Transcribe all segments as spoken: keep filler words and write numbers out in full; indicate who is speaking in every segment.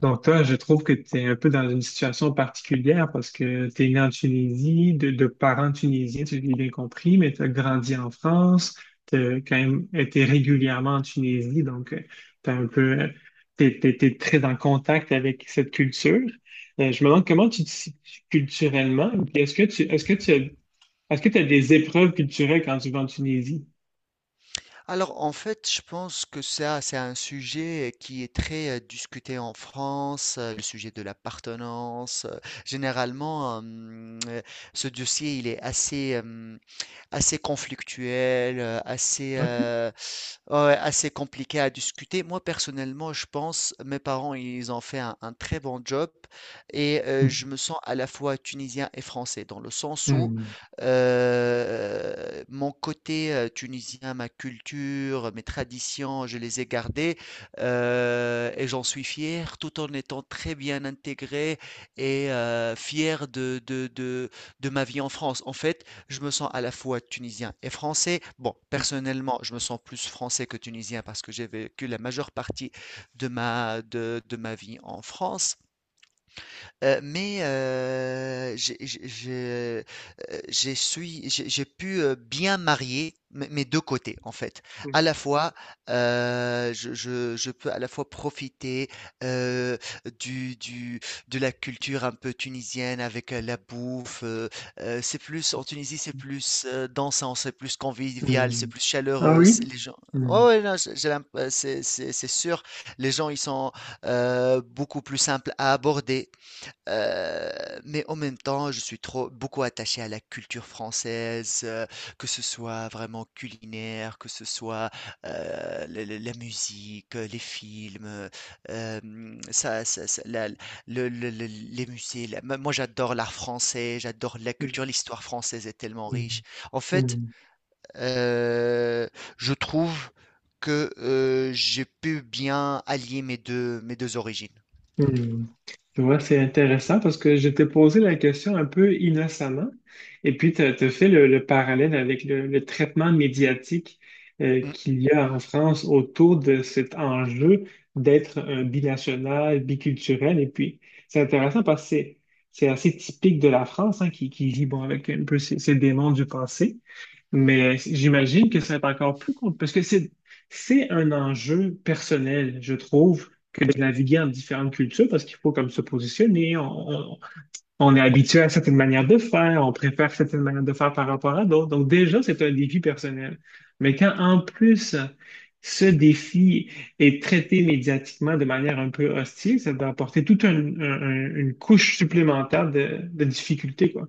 Speaker 1: Donc toi, je trouve que tu es un peu dans une situation particulière parce que tu es né en Tunisie, de, de parents tunisiens, tu l'as bien compris, mais tu as grandi en France, tu as quand même été régulièrement en Tunisie, donc tu un peu, euh, t'es, t'es- t'es très en contact avec cette culture. Euh, je me demande comment tu te situes culturellement, et puis est-ce que tu, est-ce que tu as, est-ce que tu as des épreuves culturelles quand tu vas en Tunisie?
Speaker 2: Alors, en fait, je pense que ça, c'est un sujet qui est très euh, discuté en France, euh, le sujet de l'appartenance. euh, Généralement, euh, hum, euh, ce dossier, il est assez, assez conflictuel, euh, assez,
Speaker 1: Ok.
Speaker 2: euh, ouais, ouais, assez compliqué à discuter. Moi, personnellement, je pense, mes parents, ils ont fait un, un très bon job et euh, je me sens à la fois tunisien et français, dans le sens où
Speaker 1: Hmm.
Speaker 2: euh, mon côté euh, tunisien, ma culture, mes traditions, je les ai gardées, euh, et j'en suis fier, tout en étant très bien intégré et euh, fier de, de, de, de ma vie en France. En fait, je me sens à la fois tunisien et français. Bon, personnellement, je me sens plus français que tunisien parce que j'ai vécu la majeure partie de ma, de, de ma vie en France. Heu, mais heu, j'ai j'ai je, heu, j'ai suis j'ai j'ai pu, heu, bien marier mes mes deux côtés, en fait.
Speaker 1: Hmm.
Speaker 2: À la fois, heu, je je je peux à la fois profiter, heu, du du de la culture un peu tunisienne avec, heu, la bouffe. Heu heu, c'est plus en Tunisie, c'est plus, heu, dansant, c'est plus convivial, c'est
Speaker 1: Hmm.
Speaker 2: plus
Speaker 1: Ah
Speaker 2: chaleureux,
Speaker 1: oui?
Speaker 2: c'est les gens. Ouais,
Speaker 1: Hmm.
Speaker 2: ouais, non, j'ai j'ai l'imp heu, c'est c'est c'est sûr, les gens, ils sont, heu, beaucoup plus simples à aborder. Heu, mais en même temps, je suis trop beaucoup attaché à la culture française, heu, que ce soit vraiment culinaire, que ce soit, heu, le le la musique, heu, les films, heu, hem, ça ça ça la le le le les musées. La Moi j'adore l'art français, j'adore la culture, l'histoire française est tellement
Speaker 1: Hmm.
Speaker 2: riche. En fait,
Speaker 1: Hmm.
Speaker 2: heu, je trouve que, heu, j'ai pu bien allier mes deux, mes deux origines.
Speaker 1: Hmm. Tu vois, c'est intéressant parce que je t'ai posé la question un peu innocemment et puis tu as fait le, le parallèle avec le, le traitement médiatique, euh,
Speaker 2: Mmh.
Speaker 1: qu'il y a en France autour de cet enjeu d'être un binational, biculturel. Et puis, c'est intéressant parce que c'est c'est assez typique de la France, hein, qui, qui vit bon, avec un peu ces ses démons du passé. Mais j'imagine que ça va être encore plus compliqué parce que c'est c'est un enjeu personnel, je trouve, que de naviguer en différentes cultures parce qu'il faut comme se positionner. On, on- on est habitué à certaines manières de faire, on préfère certaines manières de faire par rapport à d'autres. Donc déjà, c'est un défi personnel. Mais quand en plus ce défi est traité médiatiquement de manière un peu hostile, ça va apporter toute un- un- un- une couche supplémentaire de, de difficultés, quoi.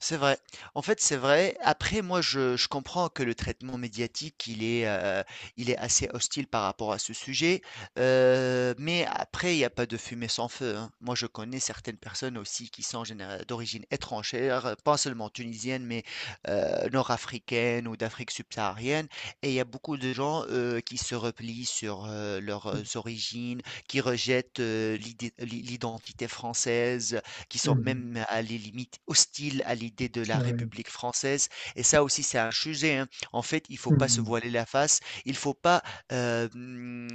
Speaker 2: C'est vrai. En fait, c'est vrai. Après, moi, je, je comprends que le traitement médiatique, il est, euh, il est assez hostile par rapport à ce sujet. Euh, mais après, il n'y a pas de fumée sans feu, hein. Moi, je connais certaines personnes aussi qui sont généra- d'origine étrangère, euh, pas seulement tunisienne, mais euh, nord-africaine ou d'Afrique subsaharienne. Et il y a beaucoup de gens euh, qui se replient sur euh, leurs origines, qui rejettent euh, l'idée- l'identité française, qui sont
Speaker 1: Mhm.
Speaker 2: même à les limites hostiles à l'idée de la
Speaker 1: Ouais.
Speaker 2: République française. Et ça aussi, c'est un sujet, hein. En fait, il faut pas se voiler la face. Il faut pas euh, hum,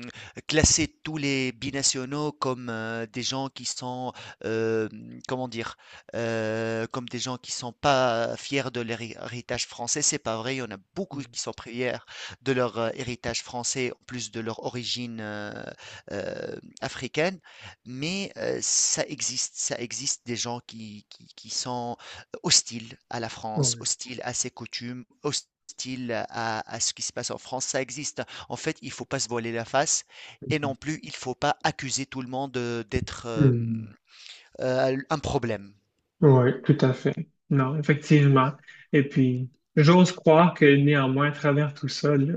Speaker 2: classer tous les binationaux comme euh, des gens qui sont, euh, hum, comment dire, euh, comme des gens qui sont pas fiers de leur héritage français. C'est pas vrai. Il y en a beaucoup qui sont fiers de leur euh, héritage français, en plus de leur origine euh, euh, africaine. Mais heu, ça existe, ça existe des gens qui qui qui sont hostiles à la France,
Speaker 1: Mhm.
Speaker 2: hostiles à ses coutumes, hostiles à à ce qui se passe en France, ça existe. En fait, il faut pas se voiler la face et non plus, il faut pas accuser tout le monde, heu, d'être,
Speaker 1: Hmm.
Speaker 2: hem, heu, un problème.
Speaker 1: Oui, tout à fait. Non, effectivement. Et puis, j'ose croire que néanmoins, à travers tout ça, là,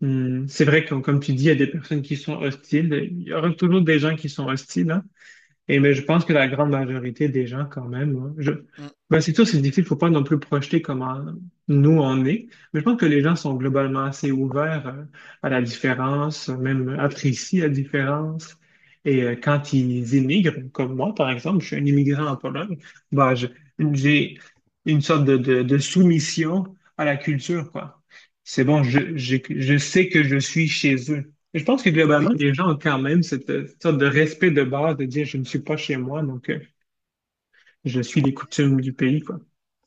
Speaker 1: hmm, c'est vrai que, comme tu dis, il y a des personnes qui sont hostiles. Il y aura toujours des gens qui sont hostiles, hein. Et mais je pense que la grande majorité des gens, quand même, hein, je...
Speaker 2: Mmh
Speaker 1: Ben, c'est sûr, c'est difficile, faut pas non plus projeter comment nous on est, mais je pense que les gens sont globalement assez ouverts euh, à la différence, euh, même apprécient la différence. Et euh, quand ils immigrent, comme moi, par exemple, je suis un immigrant
Speaker 2: mh.
Speaker 1: en Pologne, ben, je- j'ai une sorte de, de, de soumission à la culture, quoi. C'est bon, je, je, je sais que je suis chez eux. Je pense que globalement,
Speaker 2: Oui,
Speaker 1: les gens ont quand même cette euh, sorte de respect de base de dire je ne suis pas chez moi, donc euh, je suis les coutumes du pays, quoi.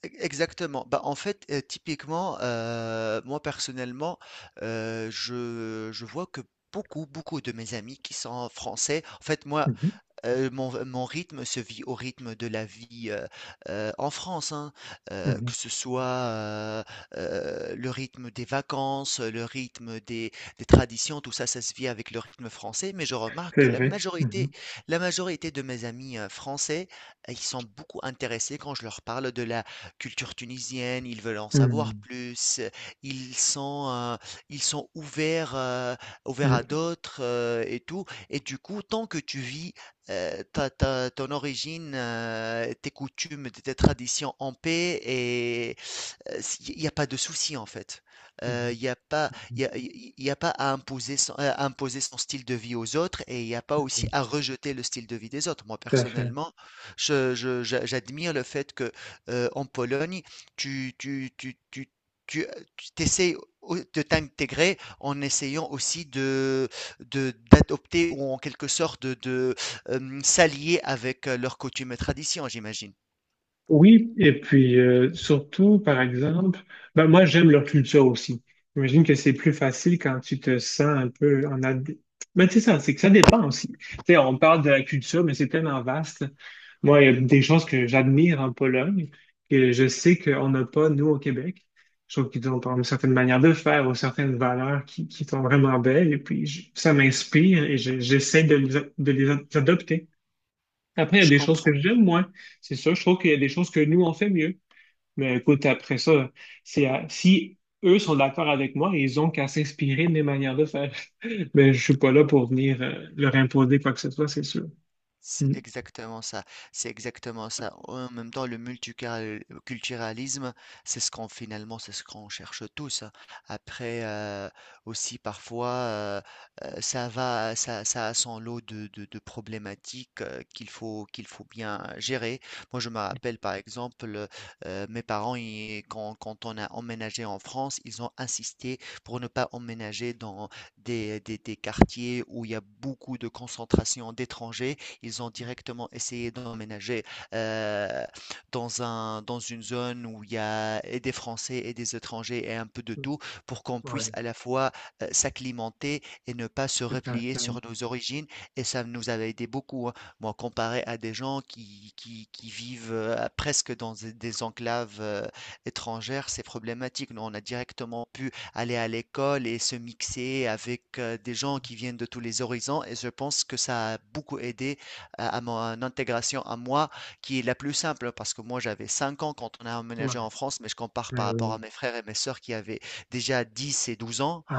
Speaker 2: e- exactement. Bah, en fait, euh, typiquement, euh, moi personnellement, euh, je, je vois que beaucoup, beaucoup de mes amis qui sont français, en fait, moi,
Speaker 1: Mhm,
Speaker 2: Heu, mon mon rythme se vit au rythme de la vie, heu heu, en France, hein. Heu,
Speaker 1: mhm.
Speaker 2: que ce soit, heu heu, le rythme des vacances, le rythme des des traditions, tout ça, ça se vit avec le rythme français. Mais je remarque
Speaker 1: C'est
Speaker 2: que la
Speaker 1: vrai. Mhm,
Speaker 2: majorité la majorité de mes amis, heu, français, euh, ils sont beaucoup intéressés quand je leur parle de la culture tunisienne. Ils veulent en savoir
Speaker 1: mhm,
Speaker 2: plus. Ils sont, heu, ils sont ouverts, heu, ouverts à
Speaker 1: mhm,
Speaker 2: d'autres, heu, et tout. Et du coup, tant que tu vis euh, ta, ta- ton origine, euh, tes coutumes, tes traditions en paix et, euh, il n'y a pas de souci en fait. Euh,
Speaker 1: mhm,
Speaker 2: Il n'y a pas, il y a, il y a pas à imposer son, à imposer son style de vie aux autres et il n'y a pas aussi
Speaker 1: mhm.
Speaker 2: à rejeter le style de vie des autres. Moi
Speaker 1: Tout à fait.
Speaker 2: personnellement, je, je- j'a- j'admire le fait que euh, en Pologne, tu, tu, tu, tu, tu, tu t'essayes au- de t'intégrer en essayant aussi de, de, d'adopter ou en quelque sorte de, de euh, s'allier avec euh, leurs coutumes et traditions, j'imagine.
Speaker 1: Oui, et puis euh, surtout, par exemple, ben moi j'aime leur culture aussi. J'imagine que c'est plus facile quand tu te sens un peu en ad... Mais tu sais ça, c'est que ça dépend aussi. Tu sais, on parle de la culture, mais c'est tellement vaste. Moi, il y a des choses que j'admire en Pologne, que je sais qu'on n'a pas, nous, au Québec. Je trouve qu'ils ont par exemple une certaine manière de faire ou certaines valeurs qui, qui sont vraiment belles. Et puis, je- ça m'inspire et je- j'essaie de les, a- de les adopter. Après, il y a
Speaker 2: Je
Speaker 1: des choses que
Speaker 2: comprends.
Speaker 1: j'aime moins. C'est sûr, je trouve qu'il y a des choses que nous, on fait mieux. Mais écoute, après ça, c'est à- si eux sont d'accord avec moi, ils ont qu'à s'inspirer de mes manières de faire. Mais je suis pas là pour venir euh, leur imposer quoi que ce soit, c'est sûr.
Speaker 2: C'est
Speaker 1: Mm.
Speaker 2: exactement ça, c'est exactement ça. En même temps, le multiculturalisme, c'est ce qu'on finalement, c'est ce qu'on cherche tous, hein. Après, euh, aussi parfois, euh, euh, ça va, ça, ça a son lot de, de- de problématiques euh, qu'il faut, qu'il faut bien gérer. Moi, je me rappelle par exemple, euh, mes parents, ils- quand, quand on a emménagé en France, ils ont insisté pour ne pas emménager dans des, des des quartiers où il y a beaucoup de concentration d'étrangers. Ils ont directement essayé d'emménager euh, dans un, dans une zone où il y a et des Français et des étrangers et un peu de tout pour qu'on puisse
Speaker 1: Ouais,
Speaker 2: à la fois euh, s'acclimater et ne pas se
Speaker 1: tout à
Speaker 2: replier
Speaker 1: fait.
Speaker 2: sur nos origines. Et ça nous avait aidé beaucoup, hein. Moi, comparé à des gens qui, qui, qui vivent euh, presque dans des des enclaves euh, étrangères, c'est problématique. Nous, on a directement pu aller à l'école et se mixer avec euh, des gens qui viennent de tous les horizons. Et je pense que ça a beaucoup aidé à à mon intégration à moi, qui est la plus simple, hein, parce que moi j'avais cinq ans quand on a
Speaker 1: Ouais,
Speaker 2: emménagé en France, mais je compare par
Speaker 1: ben
Speaker 2: rapport à
Speaker 1: oui.
Speaker 2: mes frères et mes sœurs qui avaient déjà dix et douze ans.
Speaker 1: Ah,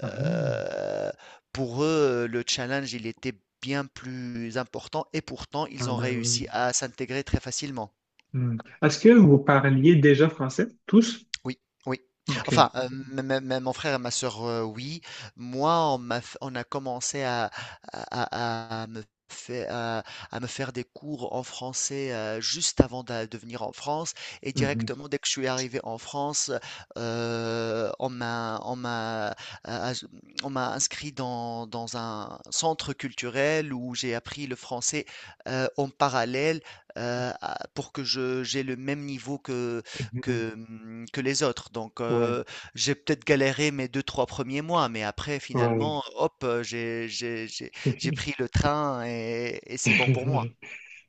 Speaker 1: ah,
Speaker 2: pour eux, le challenge, il était bien plus important, et pourtant,
Speaker 1: ah,
Speaker 2: ils ont
Speaker 1: ben oui.
Speaker 2: réussi à s'intégrer très facilement.
Speaker 1: Mm. Est-ce que vous parliez déjà français, tous?
Speaker 2: Oui, oui. Enfin,
Speaker 1: OK.
Speaker 2: euh, même même- même mon frère et ma sœur, euh, oui. Moi, on m'a, f- on a commencé à, à, à- à me faire, à, à me faire des cours en français euh, juste avant d'a- de, venir en France. Et
Speaker 1: Mhm.
Speaker 2: directement, dès que je suis arrivé en France, euh, on m'a, on m'a, euh, as- on m'a inscrit dans, dans un centre culturel où j'ai appris le français euh, en parallèle, euh, à- pour que je, j'ai le même niveau
Speaker 1: Mhm.
Speaker 2: que, mmh, que les autres. Donc,
Speaker 1: Ouais,
Speaker 2: heu, j'ai peut-être galéré mes deux trois premiers mois, mais après
Speaker 1: ouais.
Speaker 2: finalement, hop, heu, j'ai j'ai j'ai j'ai pris le train et et c'est bon pour moi.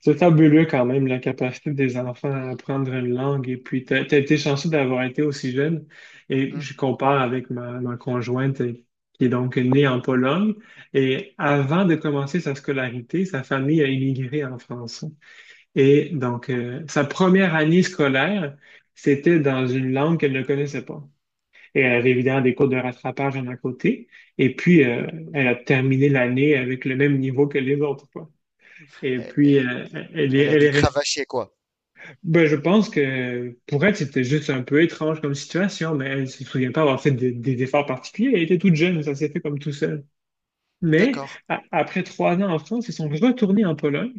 Speaker 1: C'est fabuleux quand même la capacité des enfants à apprendre une langue. Et puis, t'as, t'as été chanceux d'avoir été aussi jeune. Et
Speaker 2: Mmh.
Speaker 1: je compare avec ma, ma conjointe, euh, qui est donc née en Pologne. Et avant de commencer sa scolarité, sa famille a immigré en France. Et donc, euh, sa première année scolaire, c'était dans une langue qu'elle ne connaissait pas. Et elle avait évidemment des cours de rattrapage en à côté. Et puis, euh, elle a terminé l'année avec le même niveau que les autres, quoi. Et puis,
Speaker 2: Elle
Speaker 1: euh, elle
Speaker 2: Elle
Speaker 1: est,
Speaker 2: a
Speaker 1: elle
Speaker 2: dû
Speaker 1: est restée.
Speaker 2: cravacher quoi.
Speaker 1: Ben, je pense que pour elle, c'était juste un peu étrange comme situation, mais elle ne se souvient pas avoir fait des, des efforts particuliers. Elle était toute jeune, ça s'est fait comme tout seul. Mais
Speaker 2: D'accord.
Speaker 1: a- après trois ans en France, ils sont retournés en Pologne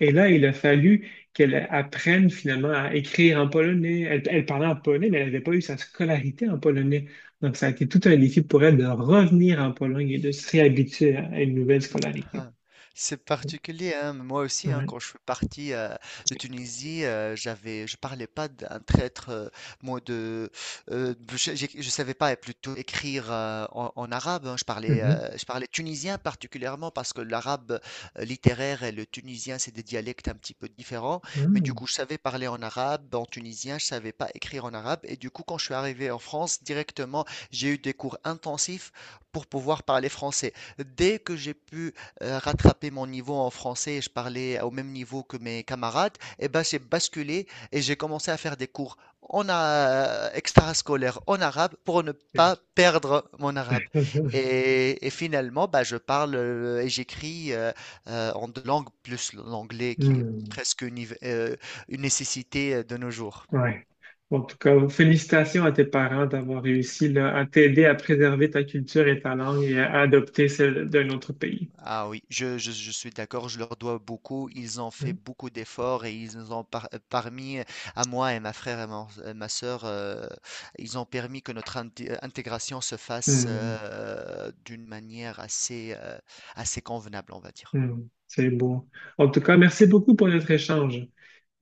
Speaker 1: et là, il a fallu qu'elle apprenne finalement à écrire en polonais. Elle, elle parlait en polonais, mais elle n'avait pas eu sa scolarité en polonais. Donc, ça a été tout un défi pour elle de revenir en Pologne et de se réhabituer à une nouvelle scolarité.
Speaker 2: Ah, c'est particulier, hein. Moi aussi, hein,
Speaker 1: Ouais.
Speaker 2: quand je suis parti euh, de Tunisie, euh, j'avais, je parlais pas d'un traître, euh, moi de, euh, je, j'ai- je savais pas euh, plutôt écrire euh, en, en arabe, hein. Je parlais,
Speaker 1: Mhm.
Speaker 2: euh, je parlais tunisien particulièrement parce que l'arabe euh, littéraire et le tunisien c'est des dialectes un petit peu différents. Mais du
Speaker 1: Mhm.
Speaker 2: coup, je savais parler en arabe, en tunisien, je savais pas écrire en arabe. Et du coup, quand je suis arrivé en France, directement, j'ai eu des cours intensifs pour pouvoir parler français. Dès que j'ai pu euh, rattraper mon niveau en français et je parlais au même niveau que mes camarades, et ben j'ai basculé et j'ai commencé à faire des cours en a- extrascolaire en arabe pour ne pas perdre mon arabe. Et, et finalement, bah, je parle euh, et j'écris euh, euh, en deux langues plus l'anglais qui est
Speaker 1: Hmm.
Speaker 2: presque une, euh, une nécessité euh, de nos jours.
Speaker 1: Ouais. Bon, en tout cas, félicitations à tes parents d'avoir réussi là, à t'aider à préserver ta culture et ta langue et à adopter celle d'un autre pays.
Speaker 2: Ah oui, je, je- je suis d'accord, je leur dois beaucoup. Ils ont fait beaucoup d'efforts et ils nous ont par- euh, parmi, euh, à moi et ma frère et mon- euh, ma, sœur, euh, ils ont permis que notre inté- euh, intégration se fasse
Speaker 1: Hmm.
Speaker 2: euh, d'une manière assez, euh, assez convenable, on va dire.
Speaker 1: Hmm. C'est beau. En tout cas, merci beaucoup pour notre échange.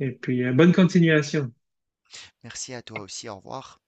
Speaker 1: Et puis, euh, bonne continuation.
Speaker 2: Merci à toi aussi, au revoir.